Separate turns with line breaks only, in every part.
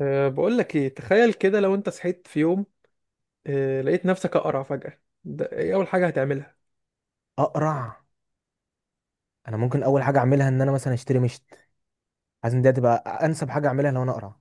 بقول لك ايه، تخيل كده لو انت صحيت في يوم لقيت نفسك اقرع فجأة، ده ايه اول حاجة هتعملها؟
اقرع. انا ممكن اول حاجه اعملها ان انا مثلا اشتري مشت، عايز ان دي تبقى انسب حاجه اعملها لو انا اقرع.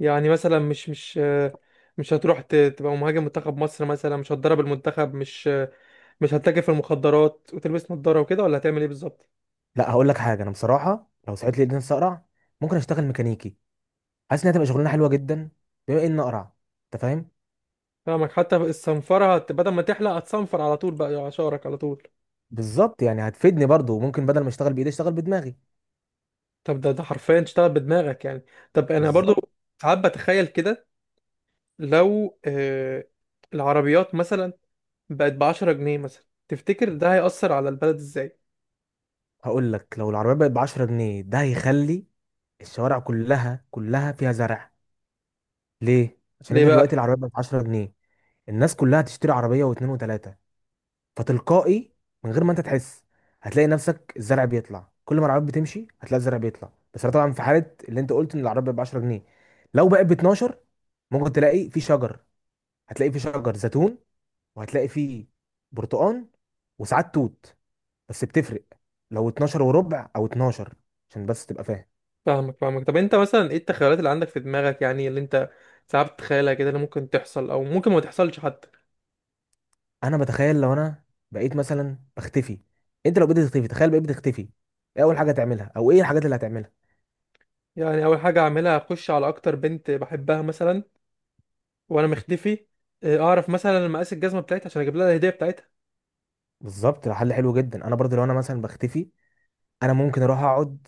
يعني مثلا مش هتروح تبقى مهاجم منتخب مصر مثلا، مش هتدرب المنتخب، مش هتتاجر في المخدرات وتلبس نظارة وكده، ولا هتعمل ايه بالظبط؟
لا، هقول لك حاجه، انا بصراحه لو صحيت لي نفسي اقرع ممكن اشتغل ميكانيكي، حاسس انها تبقى شغلانه حلوه جدا بما ان اقرع، انت فاهم.
فاهمك، حتى الصنفرة بدل ما تحلق هتصنفر على طول بقى على شعرك على طول.
بالظبط، يعني هتفيدني برضو، ممكن بدل ما اشتغل بايدي اشتغل بدماغي.
طب ده حرفيا تشتغل بدماغك يعني؟ طب انا برضو
بالظبط.
ساعات بتخيل كده، لو العربيات مثلا بقت بعشرة جنيه مثلا، تفتكر ده هيأثر على البلد ازاي؟
هقول لك، لو العربيه بقت ب 10 جنيه ده هيخلي الشوارع كلها فيها زرع. ليه؟ عشان
ليه
انت دلوقتي
بقى؟
العربيه بقت ب 10 جنيه، الناس كلها هتشتري عربيه واثنين وثلاثه، فتلقائي من غير ما انت تحس هتلاقي نفسك الزرع بيطلع، كل ما العربيات بتمشي هتلاقي الزرع بيطلع. بس ده طبعا في حاله اللي انت قلت ان العربيه ب 10 جنيه. لو بقت ب 12 ممكن تلاقي في شجر، هتلاقي في شجر زيتون، وهتلاقي فيه برتقان، وساعات توت. بس بتفرق لو 12 وربع او 12، عشان بس تبقى فاهم.
فاهمك فاهمك، طب انت مثلا ايه التخيلات اللي عندك في دماغك يعني، اللي انت ساعات بتتخيلها كده، اللي ممكن تحصل او ممكن ما تحصلش حتى؟
انا بتخيل لو انا بقيت مثلا بختفي. انت لو بقيت تختفي، تخيل بقيت بتختفي، ايه اول حاجه تعملها او ايه الحاجات اللي هتعملها؟
يعني اول حاجة اعملها اخش على اكتر بنت بحبها مثلا وانا مختفي، اه، اعرف مثلا مقاس الجزمة بتاعتها عشان اجيب لها الهدية بتاعتها.
بالظبط، ده حل حلو جدا. انا برضو لو انا مثلا بختفي، انا ممكن اروح اقعد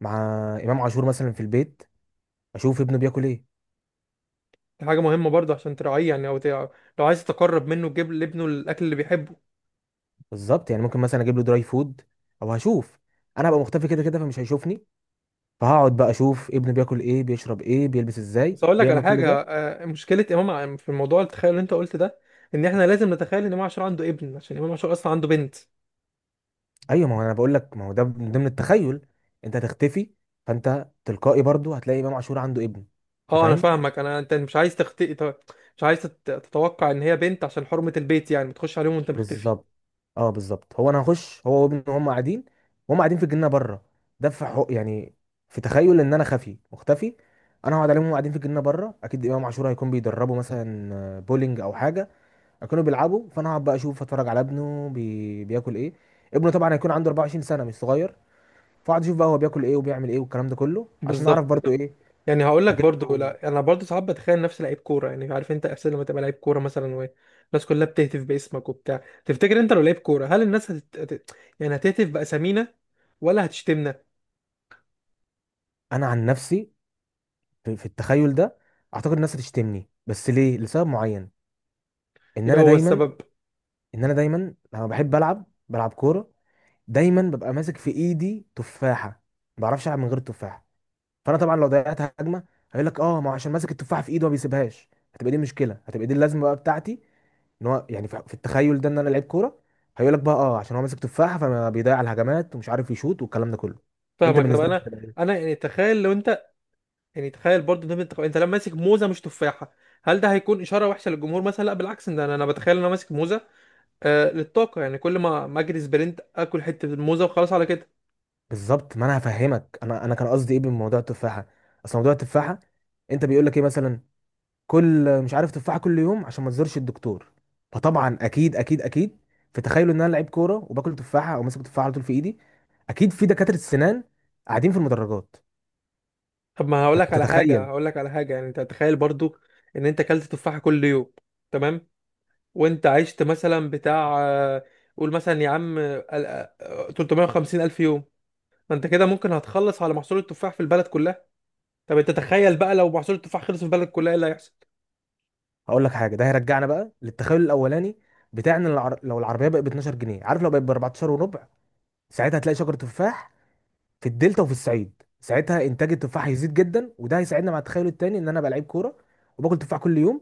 مع امام عاشور مثلا في البيت، اشوف ابنه بياكل ايه.
دي حاجة مهمة برضه عشان تراعيه يعني، لو عايز تقرب منه تجيب لابنه الاكل اللي بيحبه.
بالظبط، يعني ممكن مثلا اجيب له دراي فود. او هشوف، انا هبقى مختفي كده كده فمش هيشوفني، فهقعد بقى اشوف ابنه بياكل ايه، بيشرب ايه، بيلبس ازاي،
بس اقول لك على
بيعمل كل ده.
حاجه، مشكله امام في الموضوع التخيل اللي انت قلت ده، ان احنا لازم نتخيل ان امام عاشور عنده ابن، عشان امام عاشور اصلا عنده بنت.
ايوه، ما هو انا بقول لك ما هو ده من ضمن التخيل، انت هتختفي، فانت تلقائي برضو هتلاقي امام عاشور عنده ابن، انت
اه انا
فاهم.
فاهمك، انا انت مش عايز تخطئ، مش عايز تتوقع ان هي بنت عشان حرمه البيت يعني، ما تخش عليهم وانت مختفي.
بالظبط. اه، بالظبط، هو انا هخش هو وابنه وهم قاعدين، وهم قاعدين في الجنينه بره. ده في حق يعني في تخيل ان انا خفي مختفي، انا هقعد عليهم وهم قاعدين في الجنينه بره. اكيد امام عاشور هيكون بيدربوا مثلا بولينج او حاجه، هيكونوا بيلعبوا، فانا هقعد بقى اشوف، اتفرج على ابنه بياكل ايه. ابنه طبعا هيكون عنده 24 سنه مش صغير، فاقعد اشوف بقى هو بياكل ايه وبيعمل ايه والكلام ده كله، عشان اعرف
بالظبط،
برضو ايه.
يعني هقول لك
هجيب
برضو،
له.
لا انا برضو ساعات بتخيل نفسي لعيب كوره، يعني عارف انت احساس لما تبقى لعيب كوره مثلا والناس كلها بتهتف باسمك وبتاع، تفتكر انت لو لعيب كوره هل الناس يعني هتهتف باسامينا ولا هتشتمنا؟
انا عن نفسي في التخيل ده اعتقد الناس هتشتمني، بس ليه؟ لسبب معين، ان
ايه
انا
هو
دايما
السبب؟
ان انا دايما لما بحب العب بلعب كوره، دايما ببقى ماسك في ايدي تفاحه، ما بعرفش العب من غير التفاحه. فانا طبعا لو ضيعت هجمه هيقول لك اه ما هو عشان ماسك التفاحه في ايده ما بيسيبهاش. هتبقى دي مشكله، هتبقى دي اللازمه بقى بتاعتي، ان هو يعني في التخيل ده ان انا لعيب كوره، هيقول لك بقى اه عشان هو ماسك تفاحه فما بيضيع الهجمات ومش عارف يشوط والكلام ده كله. انت
فاهمك، طب
بالنسبه لك
انا
هتبقى ايه؟
انا يعني تخيل لو انت، يعني تخيل برضه ده انت لما ماسك موزه مش تفاحه، هل ده هيكون اشاره وحشه للجمهور مثلا؟ لا بالعكس، ده انا انا بتخيل ان انا ماسك موزه للطاقه، يعني كل ما اجري سبرنت اكل حته الموزه وخلاص على كده.
بالظبط. ما انا هفهمك، انا كان قصدي ايه بموضوع التفاحه. اصل موضوع التفاحه، انت بيقول لك ايه مثلا؟ كل مش عارف تفاحه كل يوم عشان ما تزورش الدكتور. فطبعا اكيد في تخيلوا ان انا لعيب كوره وباكل تفاحه او ماسك تفاحه على طول في ايدي، اكيد في دكاتره السنان قاعدين في المدرجات،
طب ما هقول لك على حاجه،
فتتخيل.
هقول لك على حاجه، يعني انت تخيل برضه ان انت اكلت تفاحه كل يوم، تمام؟ وانت عشت مثلا بتاع، قول مثلا يا عم، 350 الف يوم، ما انت كده ممكن هتخلص على محصول التفاح في البلد كلها، طب انت تخيل بقى لو محصول التفاح خلص في البلد كلها ايه اللي هيحصل؟
هقول لك حاجه، ده هيرجعنا بقى للتخيل الاولاني بتاعنا. لو العربيه بقت ب 12 جنيه، عارف لو بقت ب 14 وربع ساعتها هتلاقي شجر تفاح في الدلتا وفي الصعيد. ساعتها انتاج التفاح هيزيد جدا، وده هيساعدنا مع التخيل التاني ان انا بقى لعيب كوره، وباكل تفاح كل يوم،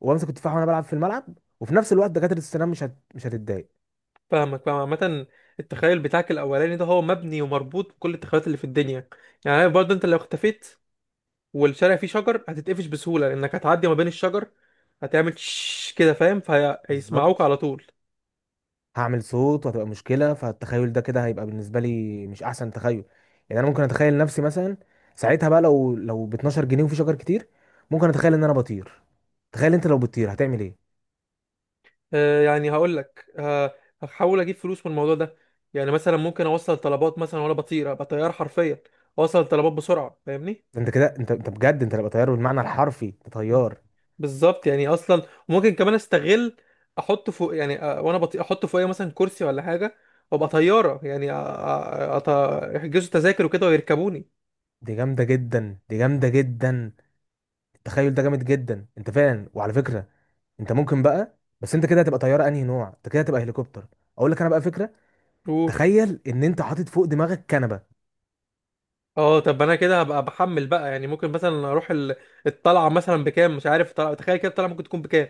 وبمسك التفاح وانا بلعب في الملعب، وفي نفس الوقت دكاتره السنان مش هتتضايق.
فاهمك، فاهم عامة، التخيل بتاعك الأولاني ده هو مبني ومربوط بكل التخيلات اللي في الدنيا، يعني عارف برضه أنت لو اختفيت والشارع فيه شجر هتتقفش بسهولة لأنك هتعدي ما بين الشجر، هتعمل شش كده، فاهم؟ فهيسمعوك
بالظبط.
على طول.
هعمل صوت وهتبقى مشكلة، فالتخيل ده كده هيبقى بالنسبة لي مش أحسن تخيل. يعني أنا ممكن أتخيل نفسي مثلا ساعتها بقى، لو ب 12 جنيه وفي شجر كتير، ممكن أتخيل إن أنا بطير. تخيل أنت لو بتطير هتعمل إيه؟
يعني هقول لك، هحاول أجيب فلوس من الموضوع ده، يعني مثلا ممكن أوصل طلبات مثلا وأنا بطير، أبقى طيار حرفيا، أوصل طلبات بسرعة، فاهمني؟
أنت كده، أنت بجد أنت هتبقى طيار بالمعنى الحرفي، أنت طيار.
بالظبط، يعني اصلا ممكن كمان استغل، احط فوق يعني، وانا بطيء احط فوقيه مثلا كرسي ولا حاجه، وابقى طياره يعني أط... يحجزوا تذاكر وكده ويركبوني.
دي جامدة جدا، دي جامدة جدا، التخيل ده جامد جدا أنت فعلا. وعلى فكرة أنت ممكن بقى، بس أنت كده هتبقى طيارة أنهي نوع؟ أنت كده هتبقى هليكوبتر. أقول لك أنا بقى فكرة،
قول.
تخيل إن أنت حاطط فوق دماغك كنبة.
اه طب انا كده هبقى بحمل بقى يعني، ممكن مثلا اروح الطلعه مثلا بكام، مش عارف، تخيل كده الطلعه ممكن تكون بكام؟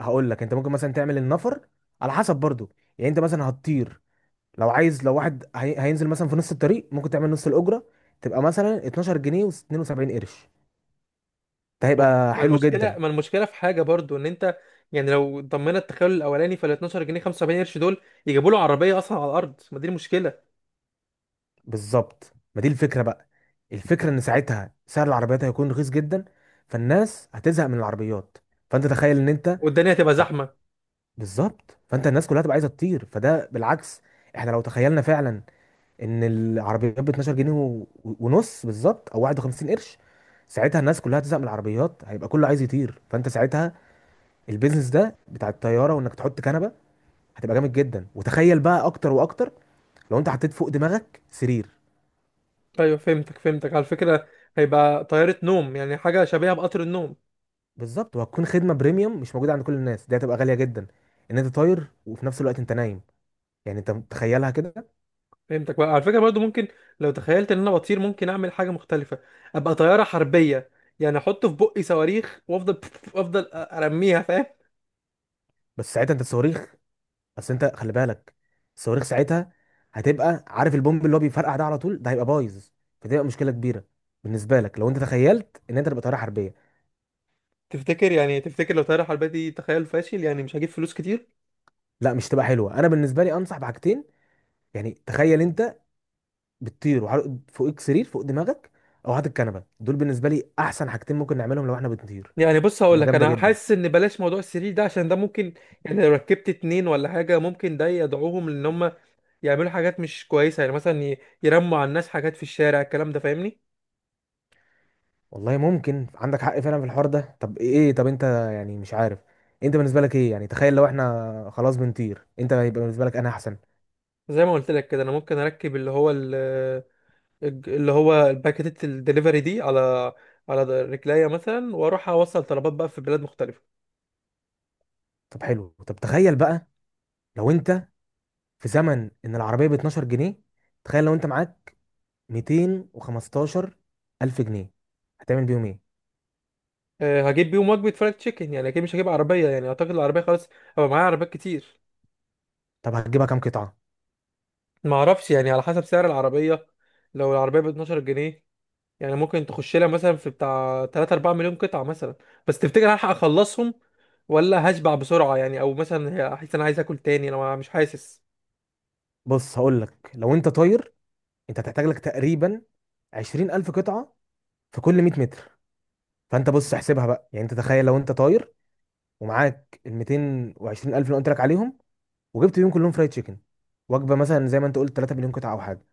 هقول لك انت ممكن مثلا تعمل النفر على حسب برضو، يعني انت مثلا هتطير، لو عايز، لو واحد هينزل مثلا في نص الطريق ممكن تعمل نص الاجره، تبقى مثلا 12 جنيه و72 قرش، ده
طب
هيبقى
ما
حلو
المشكله
جدا.
ما المشكله في حاجه برضو ان انت، يعني لو ضمينا التخيل الاولاني، فال 12 جنيه 75 قرش دول يجيبوا له عربيه اصلا على الارض، ما دي المشكله.
بالظبط، ما دي الفكره بقى. الفكره ان ساعتها سعر العربيات هيكون رخيص جدا، فالناس هتزهق من العربيات. فانت تخيل ان انت.
والدنيا هتبقى
لا.
زحمه.
بالظبط، فانت الناس كلها تبقى عايزه تطير، فده بالعكس. احنا لو تخيلنا فعلا ان العربيات ب 12 جنيه ونص بالظبط او 51 قرش، ساعتها الناس كلها هتزهق من العربيات، هيبقى كله عايز يطير، فانت ساعتها البيزنس ده بتاع الطياره وانك تحط كنبه هتبقى جامد جدا. وتخيل بقى اكتر واكتر، لو انت حطيت فوق دماغك سرير.
ايوه فهمتك فهمتك، على فكره هيبقى طياره نوم، يعني حاجه شبيهه بقطر النوم.
بالظبط، وهتكون خدمه بريميوم مش موجوده عند كل الناس، دي هتبقى غاليه جدا، ان انت طاير وفي نفس الوقت انت نايم. يعني انت تخيلها كده.
فهمتك، بقى على فكره برضو ممكن، لو تخيلت ان انا بطير ممكن اعمل حاجه مختلفه، ابقى طياره حربيه، يعني احط في بقي صواريخ وافضل افضل ارميها، فاهم؟
بس ساعتها انت الصواريخ، بس انت خلي بالك، الصواريخ ساعتها هتبقى عارف البومب اللي هو بيفرقع ده على طول، ده هيبقى بايظ، فتبقى مشكله كبيره بالنسبه لك لو انت تخيلت ان انت تبقى طياره حربيه.
تفتكر يعني، تفتكر لو طياره حربيه دي تخيل فاشل يعني مش هجيب فلوس كتير؟
لا مش تبقى حلوه. انا بالنسبه لي انصح بحاجتين، يعني تخيل انت بتطير فوقك سرير فوق دماغك، او هات الكنبه، دول بالنسبه لي احسن حاجتين ممكن نعملهم لو احنا بنطير،
يعني بص هقول
تبقى
لك،
جامده
انا
جدا.
حاسس ان بلاش موضوع السرير ده عشان ده ممكن، يعني لو ركبت اتنين ولا حاجه ممكن ده يدعوهم لان هم يعملوا حاجات مش كويسه، يعني مثلا يرموا على الناس حاجات في الشارع، الكلام ده فاهمني؟
والله ممكن عندك حق فعلا في الحوار ده. طب ايه، طب انت يعني مش عارف، انت بالنسبه لك ايه؟ يعني تخيل لو احنا خلاص بنطير، انت هيبقى بالنسبه لك انا احسن.
زي ما قلت لك كده، انا ممكن اركب اللي هو اللي هو الباكيت الدليفري دي على على رجليا مثلا، واروح اوصل طلبات بقى في بلاد مختلفه.
طب حلو، طب تخيل بقى لو انت في زمن ان العربيه ب 12 جنيه، تخيل لو انت معاك 215 الف جنيه هتعمل بيهم ايه؟
هجيب بيهم وجبه فرايد تشيكن، يعني اكيد مش هجيب عربيه، يعني اعتقد العربيه خلاص هبقى معايا عربيات كتير.
طب هتجيبها كام قطعه؟
ما اعرفش يعني على حسب سعر العربيه، لو العربيه ب 12 جنيه، يعني ممكن تخش لها مثلا في بتاع 3 4 مليون قطعه مثلا، بس تفتكر هلحق اخلصهم ولا هشبع بسرعه؟ يعني او مثلا هحس انا عايز اكل تاني، انا مش حاسس.
بص هقول لك، لو انت طاير انت هتحتاج لك تقريبا 20000 الف قطعه في كل 100 متر. فانت بص احسبها بقى، يعني انت تخيل لو انت طاير ومعاك ال 220000 الف اللي قلت لك عليهم، وجبت بيهم كلهم فرايد تشيكن، وجبه مثلا زي ما انت قلت 3 مليون قطعه او حاجه،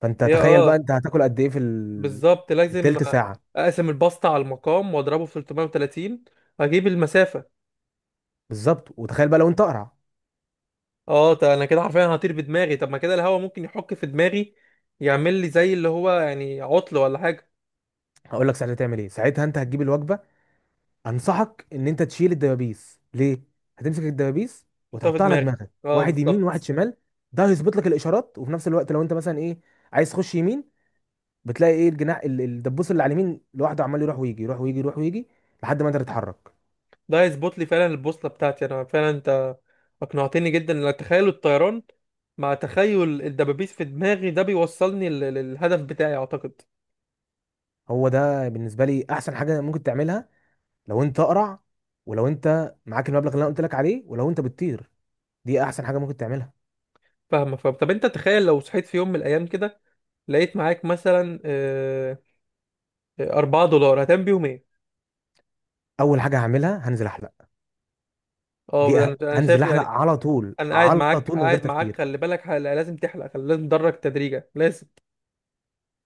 فانت
يا
تخيل بقى
اه
انت هتاكل قد ايه في
بالظبط،
في
لازم
التلت ساعه؟
اقسم الباستا على المقام واضربه في 330، اجيب المسافه.
بالظبط. وتخيل بقى لو انت اقرع.
اه ده انا كده حرفيا هطير بدماغي، طب ما كده الهواء ممكن يحك في دماغي، يعمل لي زي اللي هو يعني عطل ولا حاجه.
هقول لك ساعتها تعمل ايه. ساعتها انت هتجيب الوجبه، انصحك ان انت تشيل الدبابيس. ليه؟ هتمسك الدبابيس
احطها في
وتحطها على
دماغي،
دماغك،
اه
واحد يمين واحد
بالظبط،
شمال، ده هيظبط لك الاشارات. وفي نفس الوقت لو انت مثلا ايه عايز تخش يمين، بتلاقي ايه، الجناح الدبوس اللي على اليمين لوحده عمال يروح ويجي يروح ويجي يروح ويجي لحد ما انت تتحرك.
ده هيظبط لي فعلا البوصله بتاعتي، انا فعلا انت اقنعتني جدا، لأن تخيل الطيران مع تخيل الدبابيس في دماغي ده بيوصلني للهدف بتاعي اعتقد.
هو ده بالنسبه لي احسن حاجه ممكن تعملها لو انت اقرع، ولو انت معاك المبلغ اللي انا قلت لك عليه، ولو انت بتطير، دي احسن حاجه ممكن تعملها.
فاهمه فاهم، طب انت تخيل لو صحيت في يوم من الايام كده، لقيت معاك مثلا 4 دولار، هتعمل بيهم ايه؟
اول حاجه هعملها هنزل احلق. دي
اه أنا
هنزل
شايف
احلق
يعني.
على طول
انا قاعد
على
معاك،
طول من غير
قاعد معاك
تفكير.
خلي بالك، حلقة، لازم تحلق، خلي لازم تدرج تدريجة لازم.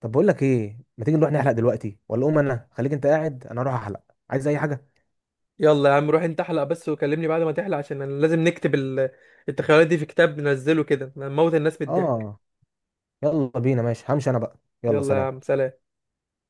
طب بقول لك ايه، ما تيجي نروح نحلق دلوقتي؟ ولا قوم انا، خليك انت قاعد انا اروح احلق، عايز اي حاجه؟
يلا يا عم روح انت احلق بس وكلمني بعد ما تحلق، عشان انا لازم نكتب التخيلات دي في كتاب ننزله كده نموت الناس من الضحك.
اه. يلا بينا، ماشي همشي انا بقى، يلا
يلا يا عم
سلام.
سلام.